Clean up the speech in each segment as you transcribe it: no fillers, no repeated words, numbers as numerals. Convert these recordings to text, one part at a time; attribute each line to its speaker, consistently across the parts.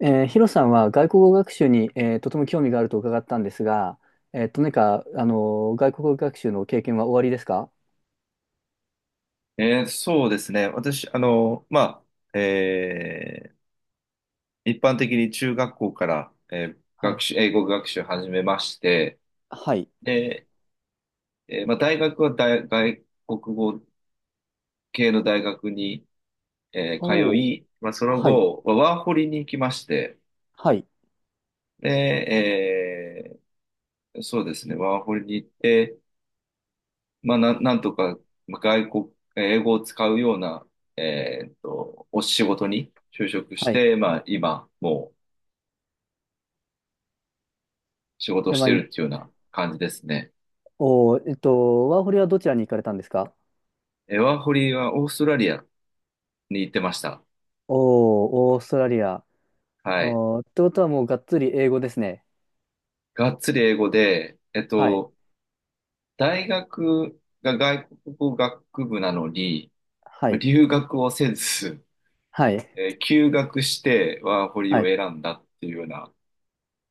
Speaker 1: ヒロさんは外国語学習に、とても興味があると伺ったんですが、何か、外国語学習の経験はおありですか？
Speaker 2: そうですね。私、あ、えー一般的に中学校から、
Speaker 1: はい。
Speaker 2: 英語学習を始めまして、
Speaker 1: はい。
Speaker 2: で、まあ、大学は外国語系の大学に、通
Speaker 1: おー、
Speaker 2: い、まあ、その
Speaker 1: はい。
Speaker 2: 後、まあワーホリに行きまして、
Speaker 1: はい。
Speaker 2: で、そうですね、ワーホリに行って、まあ、なんとか、まあ英語を使うような、お仕事に就職し
Speaker 1: はい。
Speaker 2: て、まあ、今、もう、仕事を
Speaker 1: で、
Speaker 2: し
Speaker 1: まあ、
Speaker 2: てるっていうような感じですね。
Speaker 1: おー、ワーホリはどちらに行かれたんですか？
Speaker 2: ワーホリはオーストラリアに行ってました。
Speaker 1: おー、オーストラリア。
Speaker 2: はい。
Speaker 1: おー、ってことはもうがっつり英語ですね。
Speaker 2: がっつり英語で、
Speaker 1: はい。
Speaker 2: 大学が外国語学部なのに、
Speaker 1: は
Speaker 2: まあ
Speaker 1: い。
Speaker 2: 留学をせず、
Speaker 1: はい。
Speaker 2: 休学してワーホリ
Speaker 1: は
Speaker 2: を
Speaker 1: い。
Speaker 2: 選んだっていうような、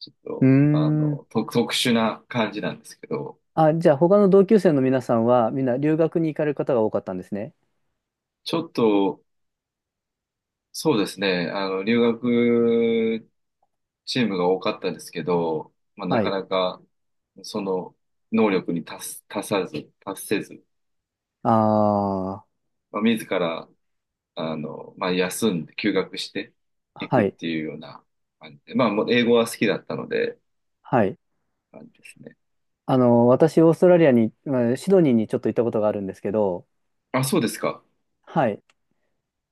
Speaker 2: ちょっ
Speaker 1: うー
Speaker 2: と、あ
Speaker 1: ん。
Speaker 2: の、特殊な感じなんですけど、
Speaker 1: あ、じゃあ他の同級生の皆さんはみんな留学に行かれる方が多かったんですね。
Speaker 2: ちょっと、そうですね、あの、留学チームが多かったですけど、まあ、な
Speaker 1: は
Speaker 2: か
Speaker 1: い。
Speaker 2: なかその能力に達す、達さず、達せず、
Speaker 1: あ
Speaker 2: まあ、自ら、あの、まあ、休んで、休学して
Speaker 1: あ、
Speaker 2: いく
Speaker 1: は
Speaker 2: っ
Speaker 1: い。
Speaker 2: ていうような感じで、まあ、もう英語は好きだったので、
Speaker 1: はい。
Speaker 2: 感じですね。
Speaker 1: 私、オーストラリアに、まあシドニーにちょっと行ったことがあるんですけど、
Speaker 2: あ、そうですか。
Speaker 1: はい。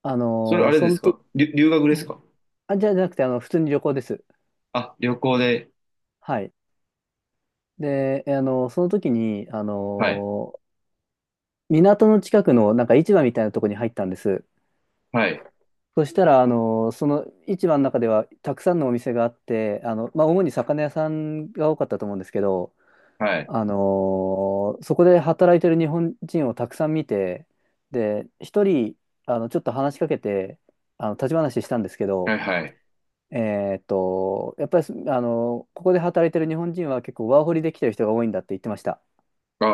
Speaker 1: あ
Speaker 2: それあ
Speaker 1: の、
Speaker 2: れで
Speaker 1: その
Speaker 2: す
Speaker 1: と、
Speaker 2: か？留学です
Speaker 1: ん
Speaker 2: か？
Speaker 1: あ、じゃなくて、普通に旅行です。
Speaker 2: あ、旅行で、
Speaker 1: はい。で、その時に、
Speaker 2: はい、
Speaker 1: 港の近くの、なんか市場みたいなところに入ったんです。
Speaker 2: はい、
Speaker 1: そしたら、その市場の中では、たくさんのお店があって、まあ、主に魚屋さんが多かったと思うんですけど、
Speaker 2: はい、
Speaker 1: そこで働いてる日本人をたくさん見て、で、一人、ちょっと話しかけて、立ち話したんですけ
Speaker 2: は
Speaker 1: ど、
Speaker 2: い、はい。
Speaker 1: やっぱりす、あのーここで働いてる日本人は結構ワーホリで来てる人が多いんだって言ってました。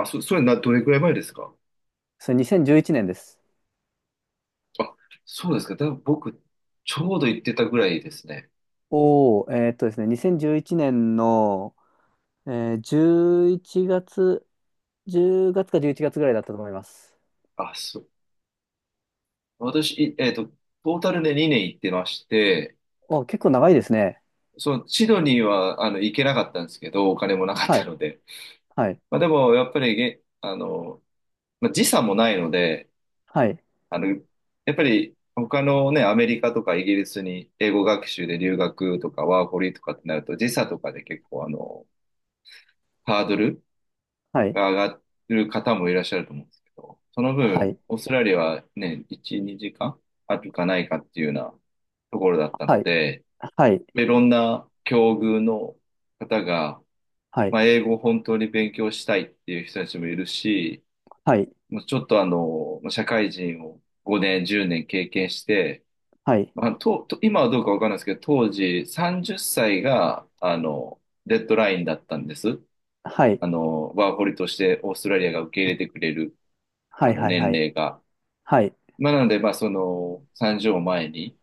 Speaker 2: それな、どれくらい前ですか？
Speaker 1: それ2011年です。
Speaker 2: あ、そうですか。僕、ちょうど行ってたぐらいですね。
Speaker 1: おお、ですね、2011年の、え11月、10月か11月ぐらいだったと思います。
Speaker 2: あ、そ、私、いえっと、トータルで2年行ってまして、
Speaker 1: お、結構長いですね。
Speaker 2: そのシドニーはあの行けなかったんですけど、お金もなかっ
Speaker 1: は
Speaker 2: た
Speaker 1: い、
Speaker 2: ので。
Speaker 1: はい、
Speaker 2: まあ、でも、やっぱりげ、あの、まあ、時差もないので、
Speaker 1: はい、
Speaker 2: あの、やっぱり他のね、アメリカとかイギリスに英語学習で留学とかワーホリとかってなると、時差とかで結構あの、ハードル
Speaker 1: はい、
Speaker 2: が上がる方もいらっしゃると思うんですけど、その
Speaker 1: は
Speaker 2: 分、
Speaker 1: い、
Speaker 2: オーストラリアはね、1、2時間あるかないかっていうようなところだった
Speaker 1: は
Speaker 2: の
Speaker 1: い。
Speaker 2: で、
Speaker 1: はい、
Speaker 2: まあいろんな境遇の方が、
Speaker 1: は
Speaker 2: ま
Speaker 1: い、
Speaker 2: あ、英語を本当に勉強したいっていう人たちもいるし、
Speaker 1: はい、
Speaker 2: もうちょっとあの、まあ社会人を5年、10年経験して、
Speaker 1: はい、
Speaker 2: まあ、と今はどうかわかんないですけど、当時30歳が、あの、デッドラインだったんです。
Speaker 1: はい、
Speaker 2: あの、ワーホリとしてオーストラリアが受け入れてくれる、
Speaker 1: は
Speaker 2: あ
Speaker 1: い、
Speaker 2: の、
Speaker 1: はい、は
Speaker 2: 年
Speaker 1: い、
Speaker 2: 齢が。
Speaker 1: はい、
Speaker 2: まあ、なので、まあ、その、30を前に、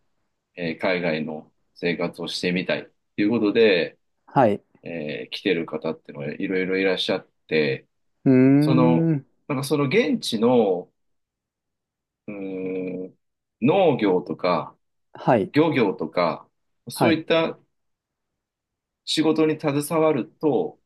Speaker 2: 海外の生活をしてみたいっていうことで、
Speaker 1: はい、
Speaker 2: 来てる方ってのがいろいろいらっしゃって、
Speaker 1: うー
Speaker 2: その、
Speaker 1: ん、
Speaker 2: なんかその現地の、うーん、農業とか
Speaker 1: はい、
Speaker 2: 漁業とか、そ
Speaker 1: は
Speaker 2: うい
Speaker 1: い、
Speaker 2: った仕事に携わると、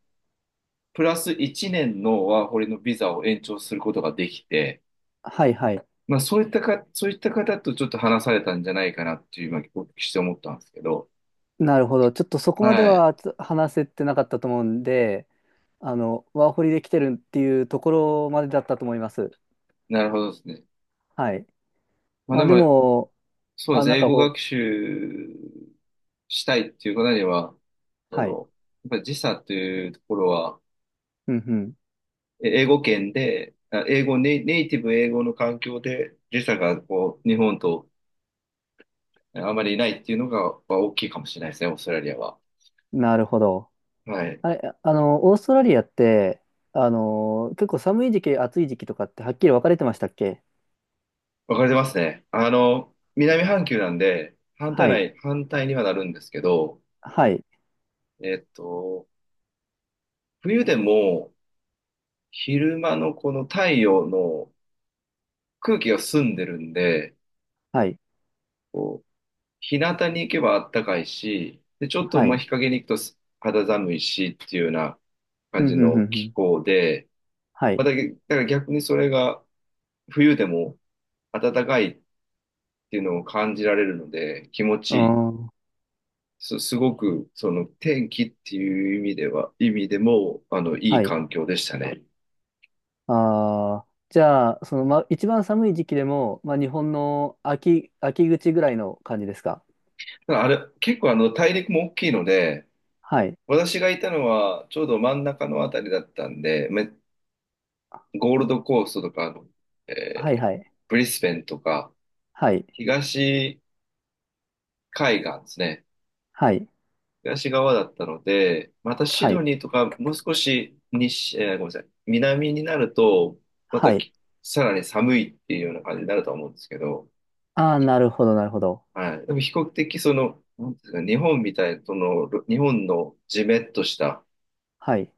Speaker 2: プラス1年のワーホリのビザを延長することができて、
Speaker 1: はい、はい。
Speaker 2: まあそういったか、そういった方とちょっと話されたんじゃないかなっていう今お聞きして思ったんですけど、
Speaker 1: なるほど。ちょっとそこまで
Speaker 2: はい。
Speaker 1: は話せてなかったと思うんで、ワーホリで来てるっていうところまでだったと思います。
Speaker 2: なるほどですね。
Speaker 1: はい。
Speaker 2: まあ
Speaker 1: ま
Speaker 2: で
Speaker 1: あで
Speaker 2: も、
Speaker 1: も、
Speaker 2: そうで
Speaker 1: あ、
Speaker 2: す
Speaker 1: なん
Speaker 2: ね。英
Speaker 1: か
Speaker 2: 語
Speaker 1: こ
Speaker 2: 学
Speaker 1: う、
Speaker 2: 習したいっていう方には、そ
Speaker 1: はい、
Speaker 2: の、やっぱり時差っていうところは、
Speaker 1: うん
Speaker 2: 英語圏で、あ英語ネイ、ネイティブ英語の環境で時差がこう、日本とあまりないっていうのが、まあ大きいかもしれないですね、オーストラリアは。
Speaker 1: うん、なるほど。
Speaker 2: はい。
Speaker 1: あれ、オーストラリアって、結構寒い時期、暑い時期とかってはっきり分かれてましたっけ？
Speaker 2: わかれてますね。あの、南半球なんで、
Speaker 1: はい、
Speaker 2: 反対にはなるんですけど、
Speaker 1: はい、
Speaker 2: えっと、冬でも昼間のこの太陽の空気が澄んでるんで、
Speaker 1: はい、
Speaker 2: 日向に行けばあったかいし、で、ちょっと
Speaker 1: は
Speaker 2: まあ
Speaker 1: い。
Speaker 2: 日陰に行くと肌寒いしっていうような
Speaker 1: ふ
Speaker 2: 感
Speaker 1: ん
Speaker 2: じ
Speaker 1: ふんふ
Speaker 2: の
Speaker 1: んふ
Speaker 2: 気
Speaker 1: ん。
Speaker 2: 候で、
Speaker 1: は
Speaker 2: ま
Speaker 1: い。
Speaker 2: あだから逆にそれが冬でも暖かいっていうのを感じられるので気持ち
Speaker 1: うー
Speaker 2: いい。
Speaker 1: ん。
Speaker 2: すごくその天気っていう意味でもあのいい
Speaker 1: はい。
Speaker 2: 環境でしたね。
Speaker 1: ああ、じゃあ、ま、一番寒い時期でも、ま、日本の秋口ぐらいの感じですか？
Speaker 2: ただあれ、結構あの大陸も大きいので、
Speaker 1: はい。
Speaker 2: 私がいたのはちょうど真ん中のあたりだったんで、ゴールドコーストとか、あのえ
Speaker 1: はい、
Speaker 2: ー
Speaker 1: はい。
Speaker 2: ブリスベンとか、
Speaker 1: はい。
Speaker 2: 東海岸ですね。
Speaker 1: はい。
Speaker 2: 東側だったので、またシ
Speaker 1: は
Speaker 2: ド
Speaker 1: い。
Speaker 2: ニーとか、もう少し西、えーごめんなさい、南になると、また
Speaker 1: はい。
Speaker 2: さらに寒いっていうような感じになるとは思うんですけど、
Speaker 1: ああ、なるほど、なるほど。
Speaker 2: はい。でも比較的、その、なんていうんですか、日本みたいな、その、日本のジメッとした
Speaker 1: はい。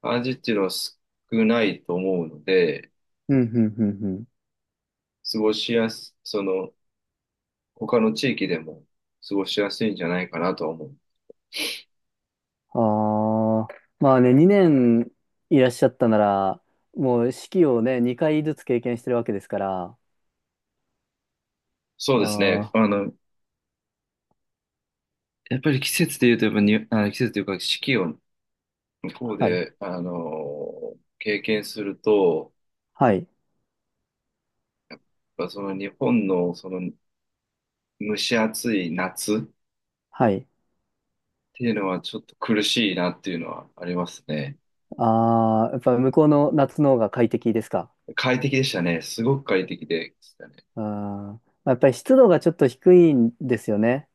Speaker 2: 感じっていうのは少ないと思うので、
Speaker 1: うん、うんうんうん。
Speaker 2: 過ごしやす、その、他の地域でも過ごしやすいんじゃないかなとは思う。
Speaker 1: ああ、まあね、2年いらっしゃったなら、もう四季をね、2回ずつ経験してるわけですから。
Speaker 2: そうですね。
Speaker 1: あ
Speaker 2: あ
Speaker 1: あ、
Speaker 2: の、やっぱり季節で言うと、やっぱに、あ季節というか四季を向こう
Speaker 1: はい。
Speaker 2: で、あの、経験すると、
Speaker 1: はい。
Speaker 2: やっぱその日本のその蒸し暑い夏っ
Speaker 1: はい。
Speaker 2: ていうのはちょっと苦しいなっていうのはありますね。
Speaker 1: ああ、やっぱ向こうの夏の方が快適ですか？
Speaker 2: 快適でしたね。すごく快適でしたね。
Speaker 1: まあ、やっぱり湿度がちょっと低いんですよね。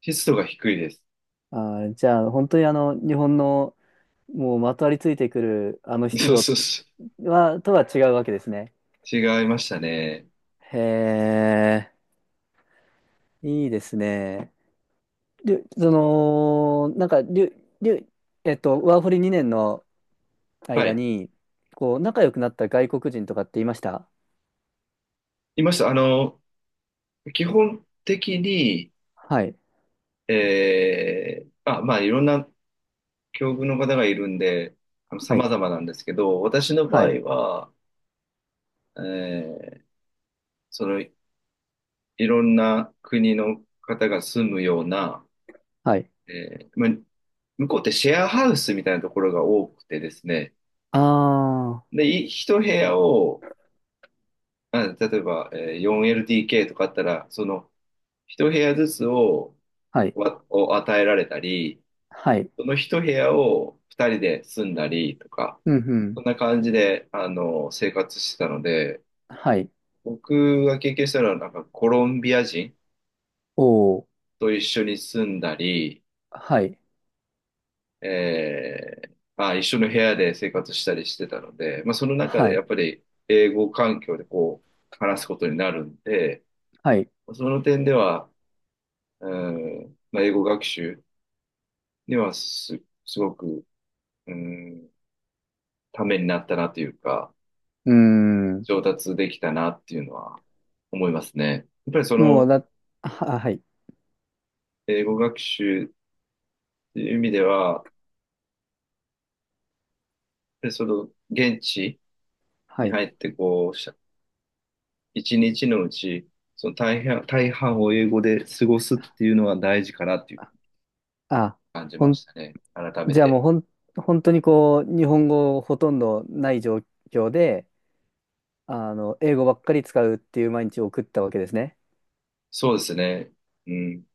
Speaker 2: 湿度が低いです。
Speaker 1: あー、じゃあ、本当に日本のもうまとわりついてくるあの 湿
Speaker 2: そうそ
Speaker 1: 度
Speaker 2: うそ
Speaker 1: とは違うわけですね。
Speaker 2: う。違いましたね。
Speaker 1: へえ、いいですね。で、その、なんか、りゅ、りゅ、えっと、ワーホリ2年の
Speaker 2: は
Speaker 1: 間
Speaker 2: い。
Speaker 1: に、こう、仲良くなった外国人とかっていました？
Speaker 2: いました。あの、基本的に、
Speaker 1: はい。
Speaker 2: まあ、まあ、いろんな境遇の方がいるんで、
Speaker 1: は
Speaker 2: 様
Speaker 1: い。
Speaker 2: 々なんですけど、私の場
Speaker 1: は
Speaker 2: 合
Speaker 1: い。
Speaker 2: は、えーその、いろんな国の方が住むような、
Speaker 1: はい。
Speaker 2: まあ、向こうってシェアハウスみたいなところが多くてですね、
Speaker 1: ああ、
Speaker 2: で、一部屋を、例えば、4LDK とかあったら、その、一部屋ずつを、
Speaker 1: はい。
Speaker 2: 与えられたり、
Speaker 1: はい。
Speaker 2: その一部屋を二人で住んだりとか、
Speaker 1: うんうん。
Speaker 2: そんな感じで、あの、生活してたので、
Speaker 1: はい。
Speaker 2: 僕が経験したのは、なんかコロンビア人
Speaker 1: おー。
Speaker 2: と一緒に住んだり、
Speaker 1: はい。
Speaker 2: えまあ、一緒の部屋で生活したりしてたので、まあ、その中
Speaker 1: は
Speaker 2: でやっ
Speaker 1: い。
Speaker 2: ぱり英語環境でこう、話すことになるんで、
Speaker 1: はい。
Speaker 2: その点では、うん、まあ、英語学習にはすごく、うん、ためになったなというか、
Speaker 1: うーん。
Speaker 2: 上達できたなっていうのは思いますね。やっぱりそ
Speaker 1: もう
Speaker 2: の、
Speaker 1: だ、は、はい。
Speaker 2: 英語学習っていう意味では、で、その、現地
Speaker 1: は
Speaker 2: に
Speaker 1: い。
Speaker 2: 入って、こう、一日のうち、その大半を英語で過ごすっていうのは大事かなっていう
Speaker 1: あ、
Speaker 2: 感じ
Speaker 1: ほ
Speaker 2: まし
Speaker 1: ん、
Speaker 2: たね。改め
Speaker 1: じゃあも
Speaker 2: て。
Speaker 1: うほん、本当にこう、日本語ほとんどない状況で、英語ばっかり使うっていう毎日を送ったわけですね。
Speaker 2: そうですね。うん。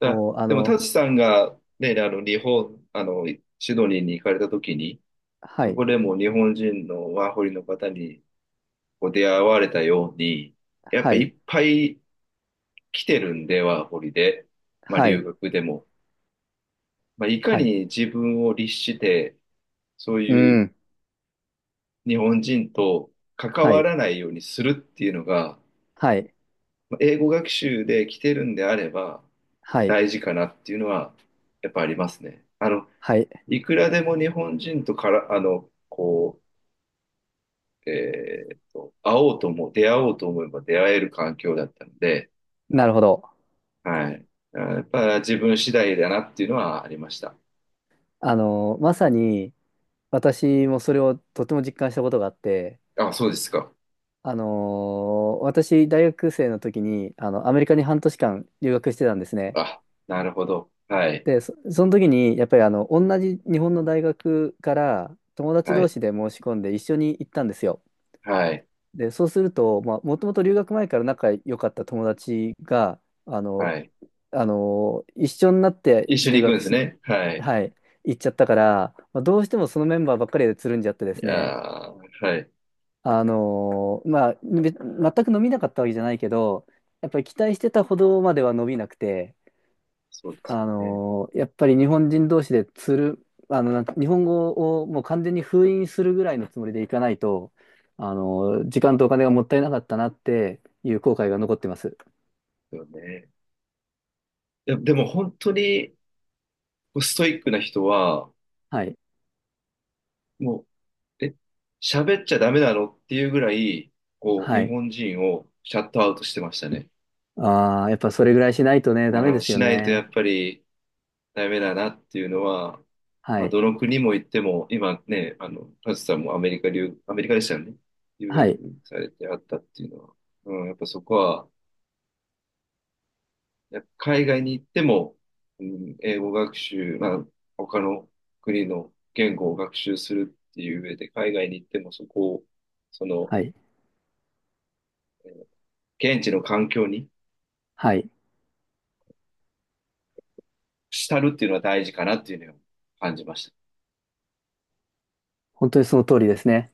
Speaker 1: お、あ
Speaker 2: でも、タ
Speaker 1: の、
Speaker 2: チさんが、ね、あの、あの、シドニーに行かれた時に、
Speaker 1: は
Speaker 2: そ
Speaker 1: い。
Speaker 2: こでも日本人のワーホリの方にこう出会われたように、やっ
Speaker 1: は
Speaker 2: ぱい
Speaker 1: い。
Speaker 2: っぱい来てるんで、ワーホリで。まあ、
Speaker 1: は
Speaker 2: 留
Speaker 1: い。
Speaker 2: 学でも。まあ、いか
Speaker 1: はい。
Speaker 2: に自分を律して、そう
Speaker 1: う
Speaker 2: いう
Speaker 1: ん。
Speaker 2: 日本人と関
Speaker 1: は
Speaker 2: わ
Speaker 1: い。
Speaker 2: らないようにするっていうのが、
Speaker 1: はい。
Speaker 2: まあ英語学習で来てるんであれば
Speaker 1: はい。
Speaker 2: 大事かなっていうのは、やっぱありますね。あの、
Speaker 1: はい。
Speaker 2: いくらでも日本人とから、あの、こう、会おうとも、出会おうと思えば出会える環境だったので、
Speaker 1: なるほど。
Speaker 2: はい。やっぱ自分次第だなっていうのはありました。
Speaker 1: まさに、私もそれをとても実感したことがあって、
Speaker 2: あ、そうですか。
Speaker 1: 私、大学生の時に、アメリカに半年間留学してたんですね。
Speaker 2: あ、なるほど。はい。
Speaker 1: で、その時に、やっぱり、同じ日本の大学から友達
Speaker 2: は
Speaker 1: 同
Speaker 2: い。
Speaker 1: 士で申し込んで一緒に行ったんですよ。
Speaker 2: はい。
Speaker 1: で、そうすると、まあ、もともと留学前から仲良かった友達が、あの、
Speaker 2: はい。
Speaker 1: 一緒になって
Speaker 2: 一緒
Speaker 1: 留
Speaker 2: に行くんで
Speaker 1: 学
Speaker 2: す
Speaker 1: し、
Speaker 2: ね。はい。
Speaker 1: はい、行っちゃったから、まあ、どうしてもそのメンバーばっかりでつるんじゃってで
Speaker 2: い
Speaker 1: すね。
Speaker 2: やー、はい。
Speaker 1: まあ、全く伸びなかったわけじゃないけど、やっぱり期待してたほどまでは伸びなくて、
Speaker 2: そうですね。
Speaker 1: やっぱり日本人同士でつる、あの、なん日本語をもう完全に封印するぐらいのつもりでいかないと、時間とお金がもったいなかったなっていう後悔が残ってます。
Speaker 2: そうよね。でも本当にこうストイックな人は、
Speaker 1: はい。
Speaker 2: もう、喋っちゃダメなのっていうぐらい、こう、
Speaker 1: は
Speaker 2: 日
Speaker 1: い。
Speaker 2: 本人をシャットアウトしてましたね。
Speaker 1: ああ、やっぱそれぐらいしないとね、ダメ
Speaker 2: あー、
Speaker 1: です
Speaker 2: し
Speaker 1: よ
Speaker 2: ないとや
Speaker 1: ね。
Speaker 2: っぱりダメだなっていうのは、
Speaker 1: は
Speaker 2: まあ、
Speaker 1: い。
Speaker 2: どの国も行っても、今ね、あの、カズさんもアメリカでしたよね。留
Speaker 1: は
Speaker 2: 学
Speaker 1: い。
Speaker 2: されてあったっていうのは、うん、やっぱそこは、海外に行っても、うん、英語学習、まあ、他の国の言語を学習するっていう上で、海外に行ってもそこを、その、
Speaker 1: はい。
Speaker 2: 現地の環境に
Speaker 1: はい。
Speaker 2: 浸るっていうのは大事かなっていうのを感じました。
Speaker 1: 本当にその通りですね。